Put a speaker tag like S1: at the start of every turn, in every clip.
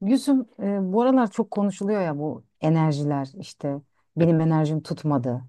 S1: Gülsüm, bu aralar çok konuşuluyor ya bu enerjiler işte benim enerjim tutmadı.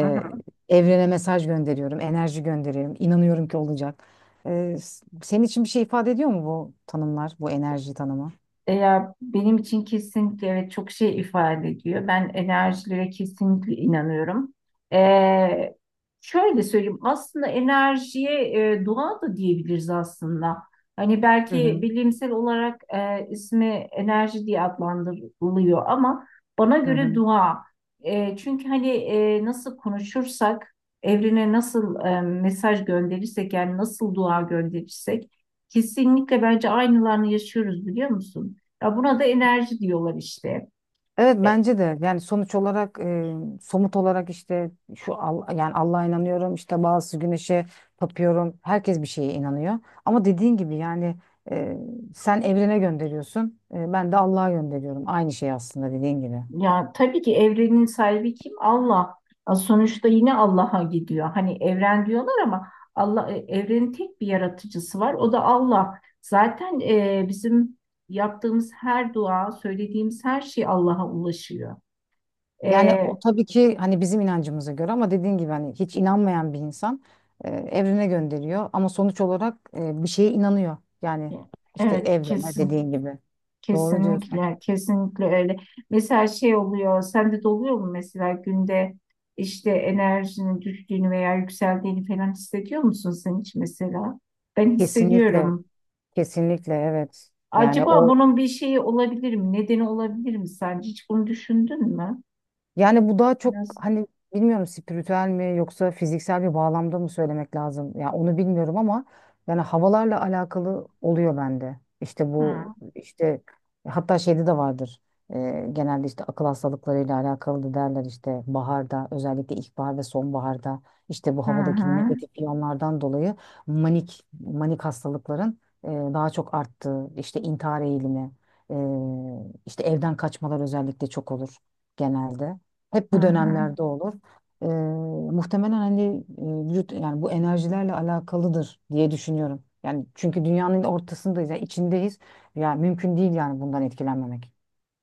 S2: Hı hı.
S1: evrene mesaj gönderiyorum, enerji gönderiyorum, inanıyorum ki olacak. Senin için bir şey ifade ediyor mu bu tanımlar, bu enerji tanımı?
S2: Ya benim için kesinlikle evet çok şey ifade ediyor. Ben enerjilere kesinlikle inanıyorum. Ee, Şöyle söyleyeyim, aslında enerjiye doğa da diyebiliriz aslında. Hani
S1: Hı
S2: belki
S1: hı,
S2: bilimsel olarak ismi enerji diye adlandırılıyor ama bana
S1: hı
S2: göre
S1: hı.
S2: dua. Çünkü hani nasıl konuşursak, evrene nasıl mesaj gönderirsek, yani nasıl dua gönderirsek kesinlikle bence aynılarını yaşıyoruz, biliyor musun? Ya buna da enerji diyorlar işte.
S1: Evet,
S2: E,
S1: bence de yani sonuç olarak somut olarak işte yani Allah'a inanıyorum, işte bazı güneşe tapıyorum, herkes bir şeye inanıyor ama dediğin gibi yani, e, sen evrene gönderiyorsun, ben de Allah'a gönderiyorum, aynı şey aslında dediğin gibi.
S2: Ya tabii ki evrenin sahibi kim? Allah. Ya sonuçta yine Allah'a gidiyor. Hani evren diyorlar ama Allah evrenin tek bir yaratıcısı var. O da Allah. Zaten bizim yaptığımız her dua, söylediğimiz her şey Allah'a ulaşıyor. E,
S1: Yani o tabii ki hani bizim inancımıza göre ama dediğin gibi hani hiç inanmayan bir insan evrene gönderiyor ama sonuç olarak bir şeye inanıyor yani, işte
S2: evet,
S1: evrene
S2: kesin.
S1: dediğin gibi doğru diyorsun.
S2: Kesinlikle, kesinlikle öyle. Mesela şey oluyor, sende de oluyor mu mesela, günde işte enerjinin düştüğünü veya yükseldiğini falan hissediyor musun sen hiç mesela? Ben
S1: Kesinlikle.
S2: hissediyorum.
S1: Kesinlikle evet. Yani
S2: Acaba
S1: o
S2: bunun bir şeyi olabilir mi? Nedeni olabilir mi sence? Hiç bunu düşündün mü?
S1: Yani bu daha çok
S2: Nasıl.
S1: hani bilmiyorum, spiritüel mi yoksa fiziksel bir bağlamda mı söylemek lazım? Ya onu bilmiyorum ama yani havalarla alakalı oluyor bende. İşte bu,
S2: Hı
S1: işte hatta şeyde de vardır. Genelde işte akıl hastalıklarıyla alakalı da derler, işte baharda, özellikle ilkbahar ve sonbaharda işte bu
S2: hı, hı
S1: havadaki
S2: hı.
S1: negatif iyonlardan dolayı manik hastalıkların daha çok arttığı, işte intihar eğilimi, e, işte evden kaçmalar özellikle çok olur genelde. Hep
S2: Hı
S1: bu
S2: hı.
S1: dönemlerde olur. Ee, Muhtemelen hani vücut yani bu enerjilerle alakalıdır diye düşünüyorum. Yani çünkü dünyanın ortasındayız, yani içindeyiz. Yani mümkün değil yani bundan etkilenmemek.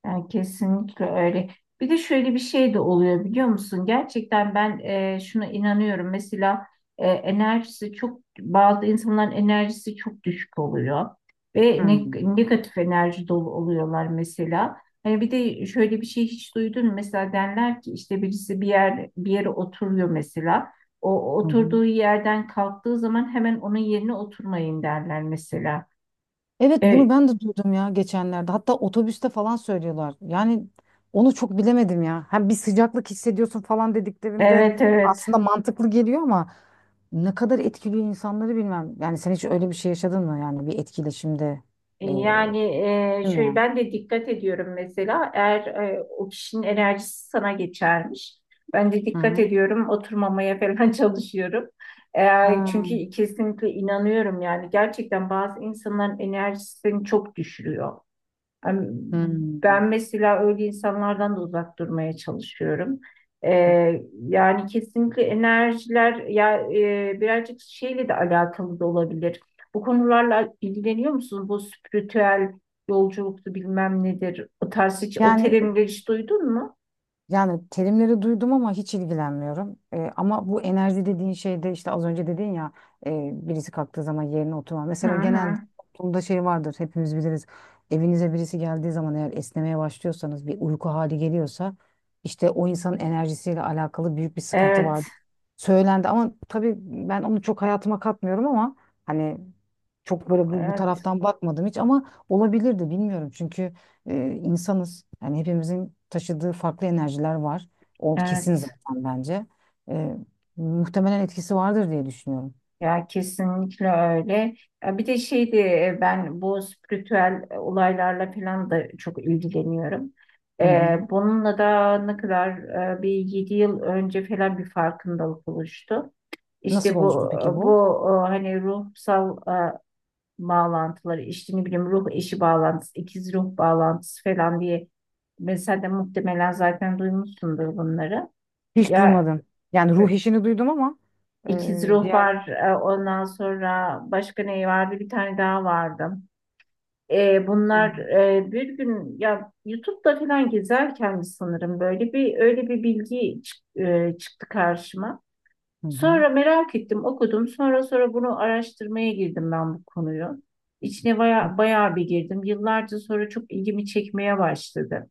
S2: Yani kesinlikle öyle. Bir de şöyle bir şey de oluyor, biliyor musun? Gerçekten ben şuna inanıyorum. Mesela enerjisi çok, bazı insanların enerjisi çok düşük oluyor ve
S1: Hmm.
S2: negatif enerji dolu oluyorlar mesela. Hani bir de şöyle bir şey, hiç duydun mu? Mesela derler ki işte, birisi bir yer bir yere oturuyor mesela. O
S1: Hı hı.
S2: oturduğu yerden kalktığı zaman hemen onun yerine oturmayın derler mesela.
S1: Evet, bunu
S2: E,
S1: ben de duydum ya geçenlerde. Hatta otobüste falan söylüyorlar. Yani onu çok bilemedim ya. Hem bir sıcaklık hissediyorsun falan dediklerinde
S2: Evet, evet.
S1: aslında mantıklı geliyor ama ne kadar etkiliyor insanları bilmem. Yani sen hiç öyle bir şey yaşadın mı? Yani bir etkileşimde, değil
S2: Yani
S1: mi?
S2: şöyle,
S1: Yani?
S2: ben de dikkat ediyorum mesela, eğer o kişinin enerjisi sana geçermiş. Ben de dikkat
S1: Hı.
S2: ediyorum, oturmamaya falan çalışıyorum.
S1: Ha.
S2: Çünkü kesinlikle inanıyorum, yani gerçekten bazı insanların enerjisini çok düşürüyor. Yani
S1: Hmm.
S2: ben mesela öyle insanlardan da uzak durmaya çalışıyorum. Yani kesinlikle enerjiler ya birazcık şeyle de alakalı da olabilir. Bu konularla ilgileniyor musunuz? Bu spiritüel yolculuktu bilmem nedir. O tarz, hiç o
S1: Yani
S2: terimleri hiç duydun mu?
S1: Yani terimleri duydum ama hiç ilgilenmiyorum. Ama bu enerji dediğin şeyde, işte az önce dedin ya, birisi kalktığı zaman yerine oturma.
S2: Hı
S1: Mesela
S2: hı.
S1: genelde toplumda şey vardır, hepimiz biliriz. Evinize birisi geldiği zaman, eğer esnemeye başlıyorsanız, bir uyku hali geliyorsa işte o insanın enerjisiyle alakalı büyük bir sıkıntı var.
S2: Evet,
S1: Söylendi ama tabii ben onu çok hayatıma katmıyorum ama hani çok böyle bu, bu
S2: evet,
S1: taraftan bakmadım hiç ama olabilirdi, bilmiyorum çünkü. e, insanız. Yani hepimizin taşıdığı farklı enerjiler var. O kesin
S2: evet.
S1: zaten bence. E, Muhtemelen etkisi vardır diye düşünüyorum.
S2: Ya kesinlikle öyle. Ya bir de şeydi, ben bu spiritüel olaylarla falan da çok ilgileniyorum.
S1: Hı hı.
S2: Bununla da ne kadar, bir 7 yıl önce falan bir farkındalık oluştu.
S1: Nasıl
S2: İşte
S1: oluştu
S2: bu,
S1: peki bu?
S2: hani ruhsal e, bağlantıları işte, ne bileyim, ruh eşi bağlantısı, ikiz ruh bağlantısı falan diye, mesela de muhtemelen zaten duymuşsundur bunları.
S1: Hiç
S2: Ya
S1: duymadım. Yani
S2: e,
S1: ruh işini duydum ama
S2: İkiz ruh
S1: diğer.
S2: var. Ondan sonra başka ne vardı? Bir tane daha vardı.
S1: Hı
S2: Bunlar bir gün ya YouTube'da falan gezerken sanırım böyle bir, öyle bir bilgi çıktı karşıma.
S1: hı. Hı.
S2: Sonra merak ettim, okudum. Sonra bunu araştırmaya girdim, ben bu konuyu. İçine bayağı bir girdim. Yıllarca sonra çok ilgimi çekmeye başladı.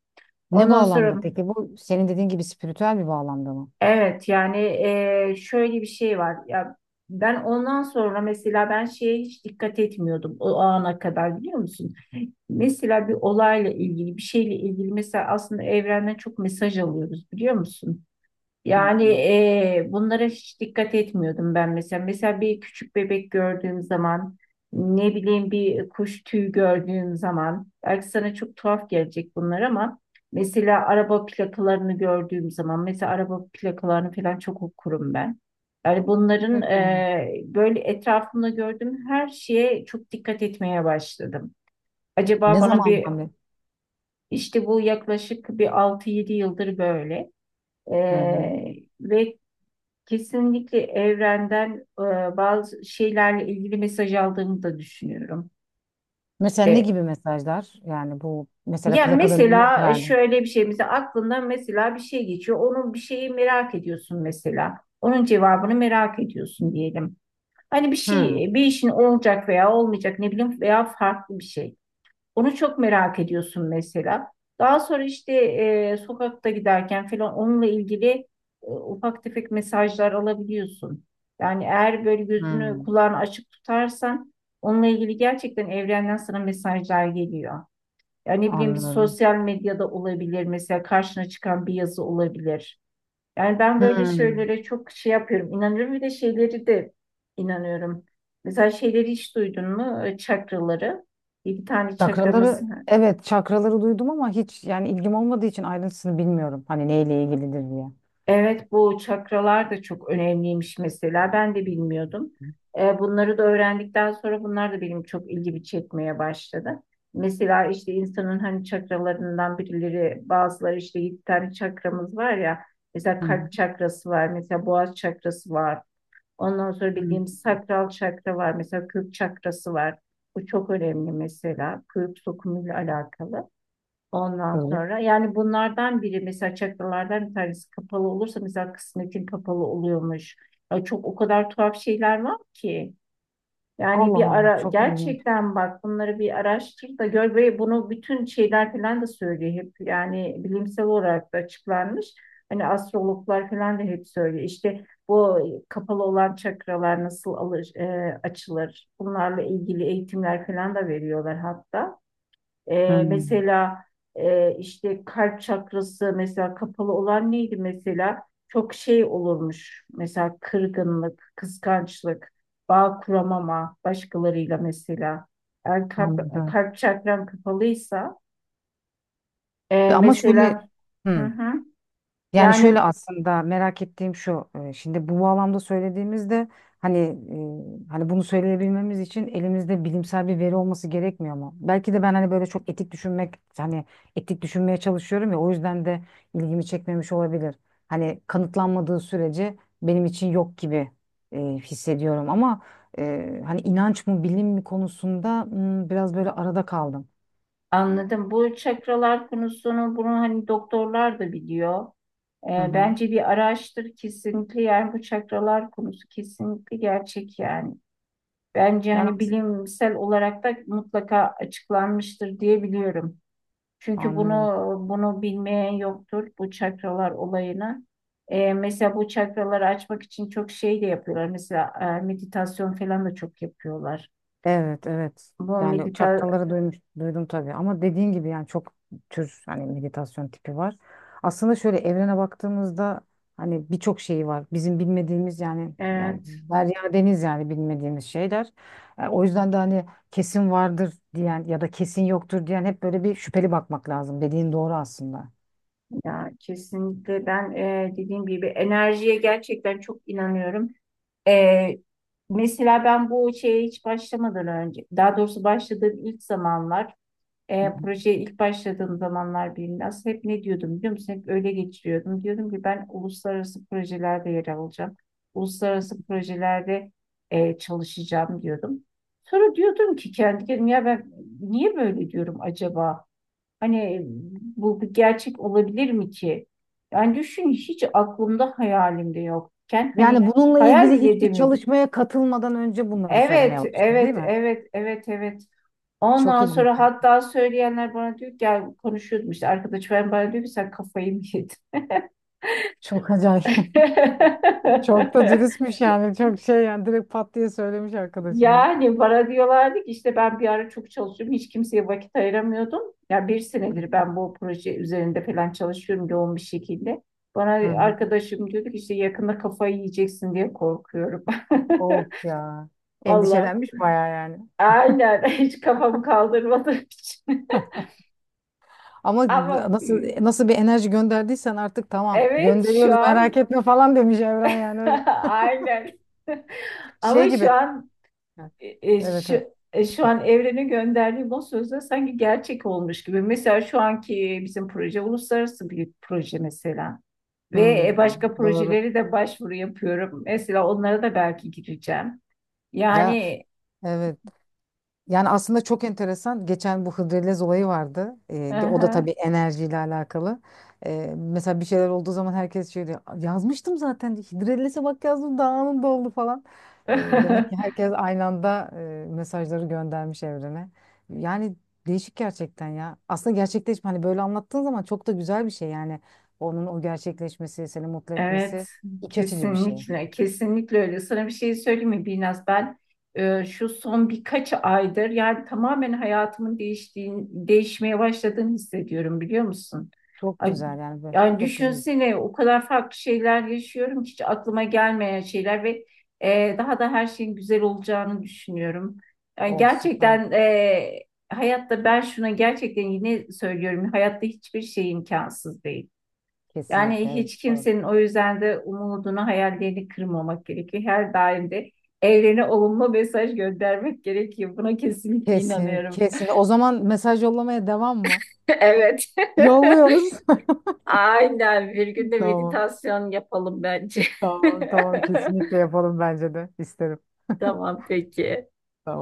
S1: Ne
S2: Ondan sonra,
S1: bağlamda peki bu? Senin dediğin gibi spiritüel bir bağlamda mı?
S2: evet yani, şöyle bir şey var ya, ben ondan sonra mesela, ben şeye hiç dikkat etmiyordum o ana kadar, biliyor musun? Mesela bir olayla ilgili, bir şeyle ilgili mesela, aslında evrenden çok mesaj alıyoruz, biliyor musun?
S1: Hı
S2: Yani bunlara hiç dikkat etmiyordum ben mesela. Mesela bir küçük bebek gördüğüm zaman, ne bileyim bir kuş tüyü gördüğüm zaman, belki sana çok tuhaf gelecek bunlar ama, mesela araba plakalarını gördüğüm zaman, mesela araba plakalarını falan çok okurum ben. Yani bunların
S1: hı.
S2: böyle, etrafımda gördüğüm her şeye çok dikkat etmeye başladım. Acaba
S1: Ne
S2: bana bir,
S1: zamandan beri?
S2: işte bu yaklaşık bir 6-7 yıldır böyle.
S1: Hı. Hı.
S2: Eee ve kesinlikle evrenden bazı şeylerle ilgili mesaj aldığımı da düşünüyorum.
S1: Mesela ne
S2: E,
S1: gibi mesajlar? Yani bu mesela
S2: Yani
S1: plakadan örnek
S2: mesela
S1: verdim.
S2: şöyle bir şey, mesela aklından mesela bir şey geçiyor. Onun bir şeyi merak ediyorsun mesela. Onun cevabını merak ediyorsun, diyelim. Hani bir
S1: Hı.
S2: şey, bir işin olacak veya olmayacak, ne bileyim, veya farklı bir şey. Onu çok merak ediyorsun mesela. Daha sonra işte sokakta giderken falan onunla ilgili ufak tefek mesajlar alabiliyorsun. Yani eğer böyle gözünü
S1: Hı.
S2: kulağını açık tutarsan, onunla ilgili gerçekten evrenden sana mesajlar geliyor. Yani ne bileyim, bir
S1: Anlıyorum.
S2: sosyal medyada olabilir mesela, karşına çıkan bir yazı olabilir. Yani ben böyle
S1: Hmm.
S2: şeylere çok şey yapıyorum, İnanıyorum bir de şeyleri de inanıyorum. Mesela şeyleri hiç duydun mu? Çakraları. Bir tane çakramız.
S1: Çakraları, evet, çakraları duydum ama hiç yani ilgim olmadığı için ayrıntısını bilmiyorum. Hani neyle ilgilidir diye.
S2: Evet, bu çakralar da çok önemliymiş mesela. Ben de bilmiyordum. Bunları da öğrendikten sonra bunlar da benim çok ilgimi çekmeye başladı. Mesela işte insanın hani çakralarından birileri, bazıları, işte 7 tane çakramız var ya. Mesela
S1: Hı
S2: kalp çakrası var, mesela boğaz çakrası var. Ondan sonra
S1: hı.
S2: bildiğimiz sakral çakra var, mesela kök çakrası var. Bu çok önemli mesela, kök sokumuyla alakalı. Ondan
S1: Böyle.
S2: sonra yani, bunlardan biri mesela, çakralardan bir tanesi kapalı olursa mesela kısmetin kapalı oluyormuş. Ya çok, o kadar tuhaf şeyler var ki. Yani
S1: Allah
S2: bir
S1: Allah,
S2: ara
S1: çok ilginç.
S2: gerçekten bak, bunları bir araştır da gör, ve bunu bütün şeyler falan da söylüyor hep. Yani bilimsel olarak da açıklanmış. Hani astrologlar falan da hep söylüyor. İşte bu kapalı olan çakralar nasıl alır, açılır? Bunlarla ilgili eğitimler falan da veriyorlar hatta.
S1: Hmm.
S2: Mesela işte kalp çakrası mesela, kapalı olan neydi mesela? Çok şey olurmuş. Mesela kırgınlık, kıskançlık, bağ kuramama başkalarıyla mesela. Eğer
S1: Anladım.
S2: kalp çakran kapalıysa
S1: Ama şöyle.
S2: mesela, hı
S1: Hı.
S2: hı,
S1: Yani
S2: yani
S1: şöyle, aslında merak ettiğim şu. Şimdi bu bağlamda söylediğimizde hani, hani bunu söyleyebilmemiz için elimizde bilimsel bir veri olması gerekmiyor mu? Belki de ben hani böyle çok etik düşünmek, hani etik düşünmeye çalışıyorum ya, o yüzden de ilgimi çekmemiş olabilir. Hani kanıtlanmadığı sürece benim için yok gibi hissediyorum ama hani inanç mı bilim mi konusunda, hmm, biraz böyle arada kaldım.
S2: anladım. Bu çakralar konusunu, bunu hani doktorlar da biliyor.
S1: Hı hı.
S2: Bence bir araştır kesinlikle, yani bu çakralar konusu kesinlikle gerçek yani. Bence
S1: Yani
S2: hani
S1: as-
S2: bilimsel olarak da mutlaka açıklanmıştır diye biliyorum. Çünkü bunu
S1: Anlıyorum.
S2: bunu bilmeyen yoktur bu çakralar olayını. Mesela bu çakraları açmak için çok şey de yapıyorlar. Mesela meditasyon falan da çok yapıyorlar.
S1: Evet, evet.
S2: Bu
S1: Yani
S2: medita
S1: çaktaları duymuş, duydum tabii. Ama dediğin gibi yani çok tür hani meditasyon tipi var. Aslında şöyle, evrene baktığımızda hani birçok şeyi var. Bizim bilmediğimiz, yani yani
S2: Evet
S1: derya deniz, yani bilmediğimiz şeyler. O yüzden de hani kesin vardır diyen ya da kesin yoktur diyen, hep böyle bir şüpheli bakmak lazım. Dediğin doğru aslında.
S2: ya, kesinlikle ben, dediğim gibi, enerjiye gerçekten çok inanıyorum. Ee, Mesela ben bu şeye hiç başlamadan önce, daha doğrusu başladığım ilk zamanlar,
S1: Hı hı.
S2: Projeye ilk başladığım zamanlar birinde, aslında hep ne diyordum, biliyor musun? Hep öyle geçiriyordum. Diyordum ki ben uluslararası projelerde yer alacağım. Uluslararası projelerde çalışacağım diyordum. Sonra diyordum ki kendi kendime, ya ben niye böyle diyorum acaba? Hani bu bir gerçek olabilir mi ki? Yani düşün, hiç aklımda hayalimde yokken, hani
S1: Yani bununla
S2: hayal
S1: ilgili
S2: bile
S1: hiçbir
S2: edemiyordum.
S1: çalışmaya katılmadan önce bunları söylemeye
S2: Evet,
S1: başladım, değil
S2: evet,
S1: mi?
S2: evet, evet, evet.
S1: Çok
S2: Ondan
S1: ilginç.
S2: sonra, hatta söyleyenler bana diyor ki, gel konuşuyordum işte arkadaşım ben, bana diyor ki sen kafayı mı yedin?
S1: Çok acayip. Çok da dürüstmüş yani. Çok şey yani, direkt pat diye söylemiş arkadaşına.
S2: Yani bana diyorlardı ki işte, ben bir ara çok çalışıyorum, hiç kimseye vakit ayıramıyordum. Ya bir senedir ben bu proje üzerinde falan çalışıyorum yoğun bir şekilde. Bana
S1: Hı hı.
S2: arkadaşım diyordu ki, işte yakında kafayı yiyeceksin diye korkuyorum.
S1: Of ya.
S2: Vallahi
S1: Endişelenmiş bayağı yani.
S2: aynen, hiç kafamı kaldırmadığım için.
S1: Ama
S2: Ama,
S1: nasıl bir enerji gönderdiysen artık, tamam
S2: evet, şu
S1: gönderiyoruz, merak
S2: an,
S1: etme falan demiş Evren yani, öyle.
S2: aynen. Ama
S1: Şey
S2: şu
S1: gibi.
S2: an e, e,
S1: Evet,
S2: şu,
S1: evet.
S2: e, şu an evrenin gönderdiği bu sözler sanki gerçek olmuş gibi. Mesela şu anki bizim proje uluslararası bir proje mesela. Ve
S1: Hmm.
S2: başka
S1: Doğru.
S2: projeleri de başvuru yapıyorum. Mesela onlara da belki gireceğim.
S1: Ya.
S2: Yani,
S1: Evet. Yani aslında çok enteresan. Geçen bu Hıdrellez olayı vardı. O da
S2: aha.
S1: tabii enerjiyle alakalı. Mesela bir şeyler olduğu zaman herkes şey diyor. Yazmıştım zaten. Hıdrellez'e bak, yazdım, daha anında oldu falan. Demek ki herkes aynı anda mesajları göndermiş evrene. Yani değişik gerçekten ya. Aslında gerçekleşme, hani böyle anlattığın zaman çok da güzel bir şey yani. Onun o gerçekleşmesi, seni mutlu
S2: Evet,
S1: etmesi iç açıcı bir şey.
S2: kesinlikle, kesinlikle öyle. Sana bir şey söyleyeyim mi? Biraz ben, şu son birkaç aydır yani tamamen hayatımın değiştiğini, değişmeye başladığını hissediyorum, biliyor musun?
S1: Çok
S2: Ay,
S1: güzel yani.
S2: yani
S1: Çok güzel.
S2: düşünsene, o kadar farklı şeyler yaşıyorum ki, hiç aklıma gelmeyen şeyler, ve daha da her şeyin güzel olacağını düşünüyorum. Yani
S1: Oh, süper.
S2: gerçekten, hayatta, ben şuna gerçekten yine söylüyorum, hayatta hiçbir şey imkansız değil. Yani
S1: Kesinlikle evet.
S2: hiç kimsenin, o yüzden de, umudunu, hayallerini kırmamak gerekiyor. Her daim de evrene olumlu mesaj göndermek gerekiyor. Buna kesinlikle
S1: Kesin,
S2: inanıyorum.
S1: kesin. O zaman mesaj yollamaya devam mı?
S2: Evet.
S1: Yolluyoruz.
S2: Aynen. Bir gün de
S1: Tamam,
S2: meditasyon yapalım bence.
S1: tamam, tamam. Kesinlikle yapalım bence de. İsterim.
S2: Tamam, peki.
S1: Tamam.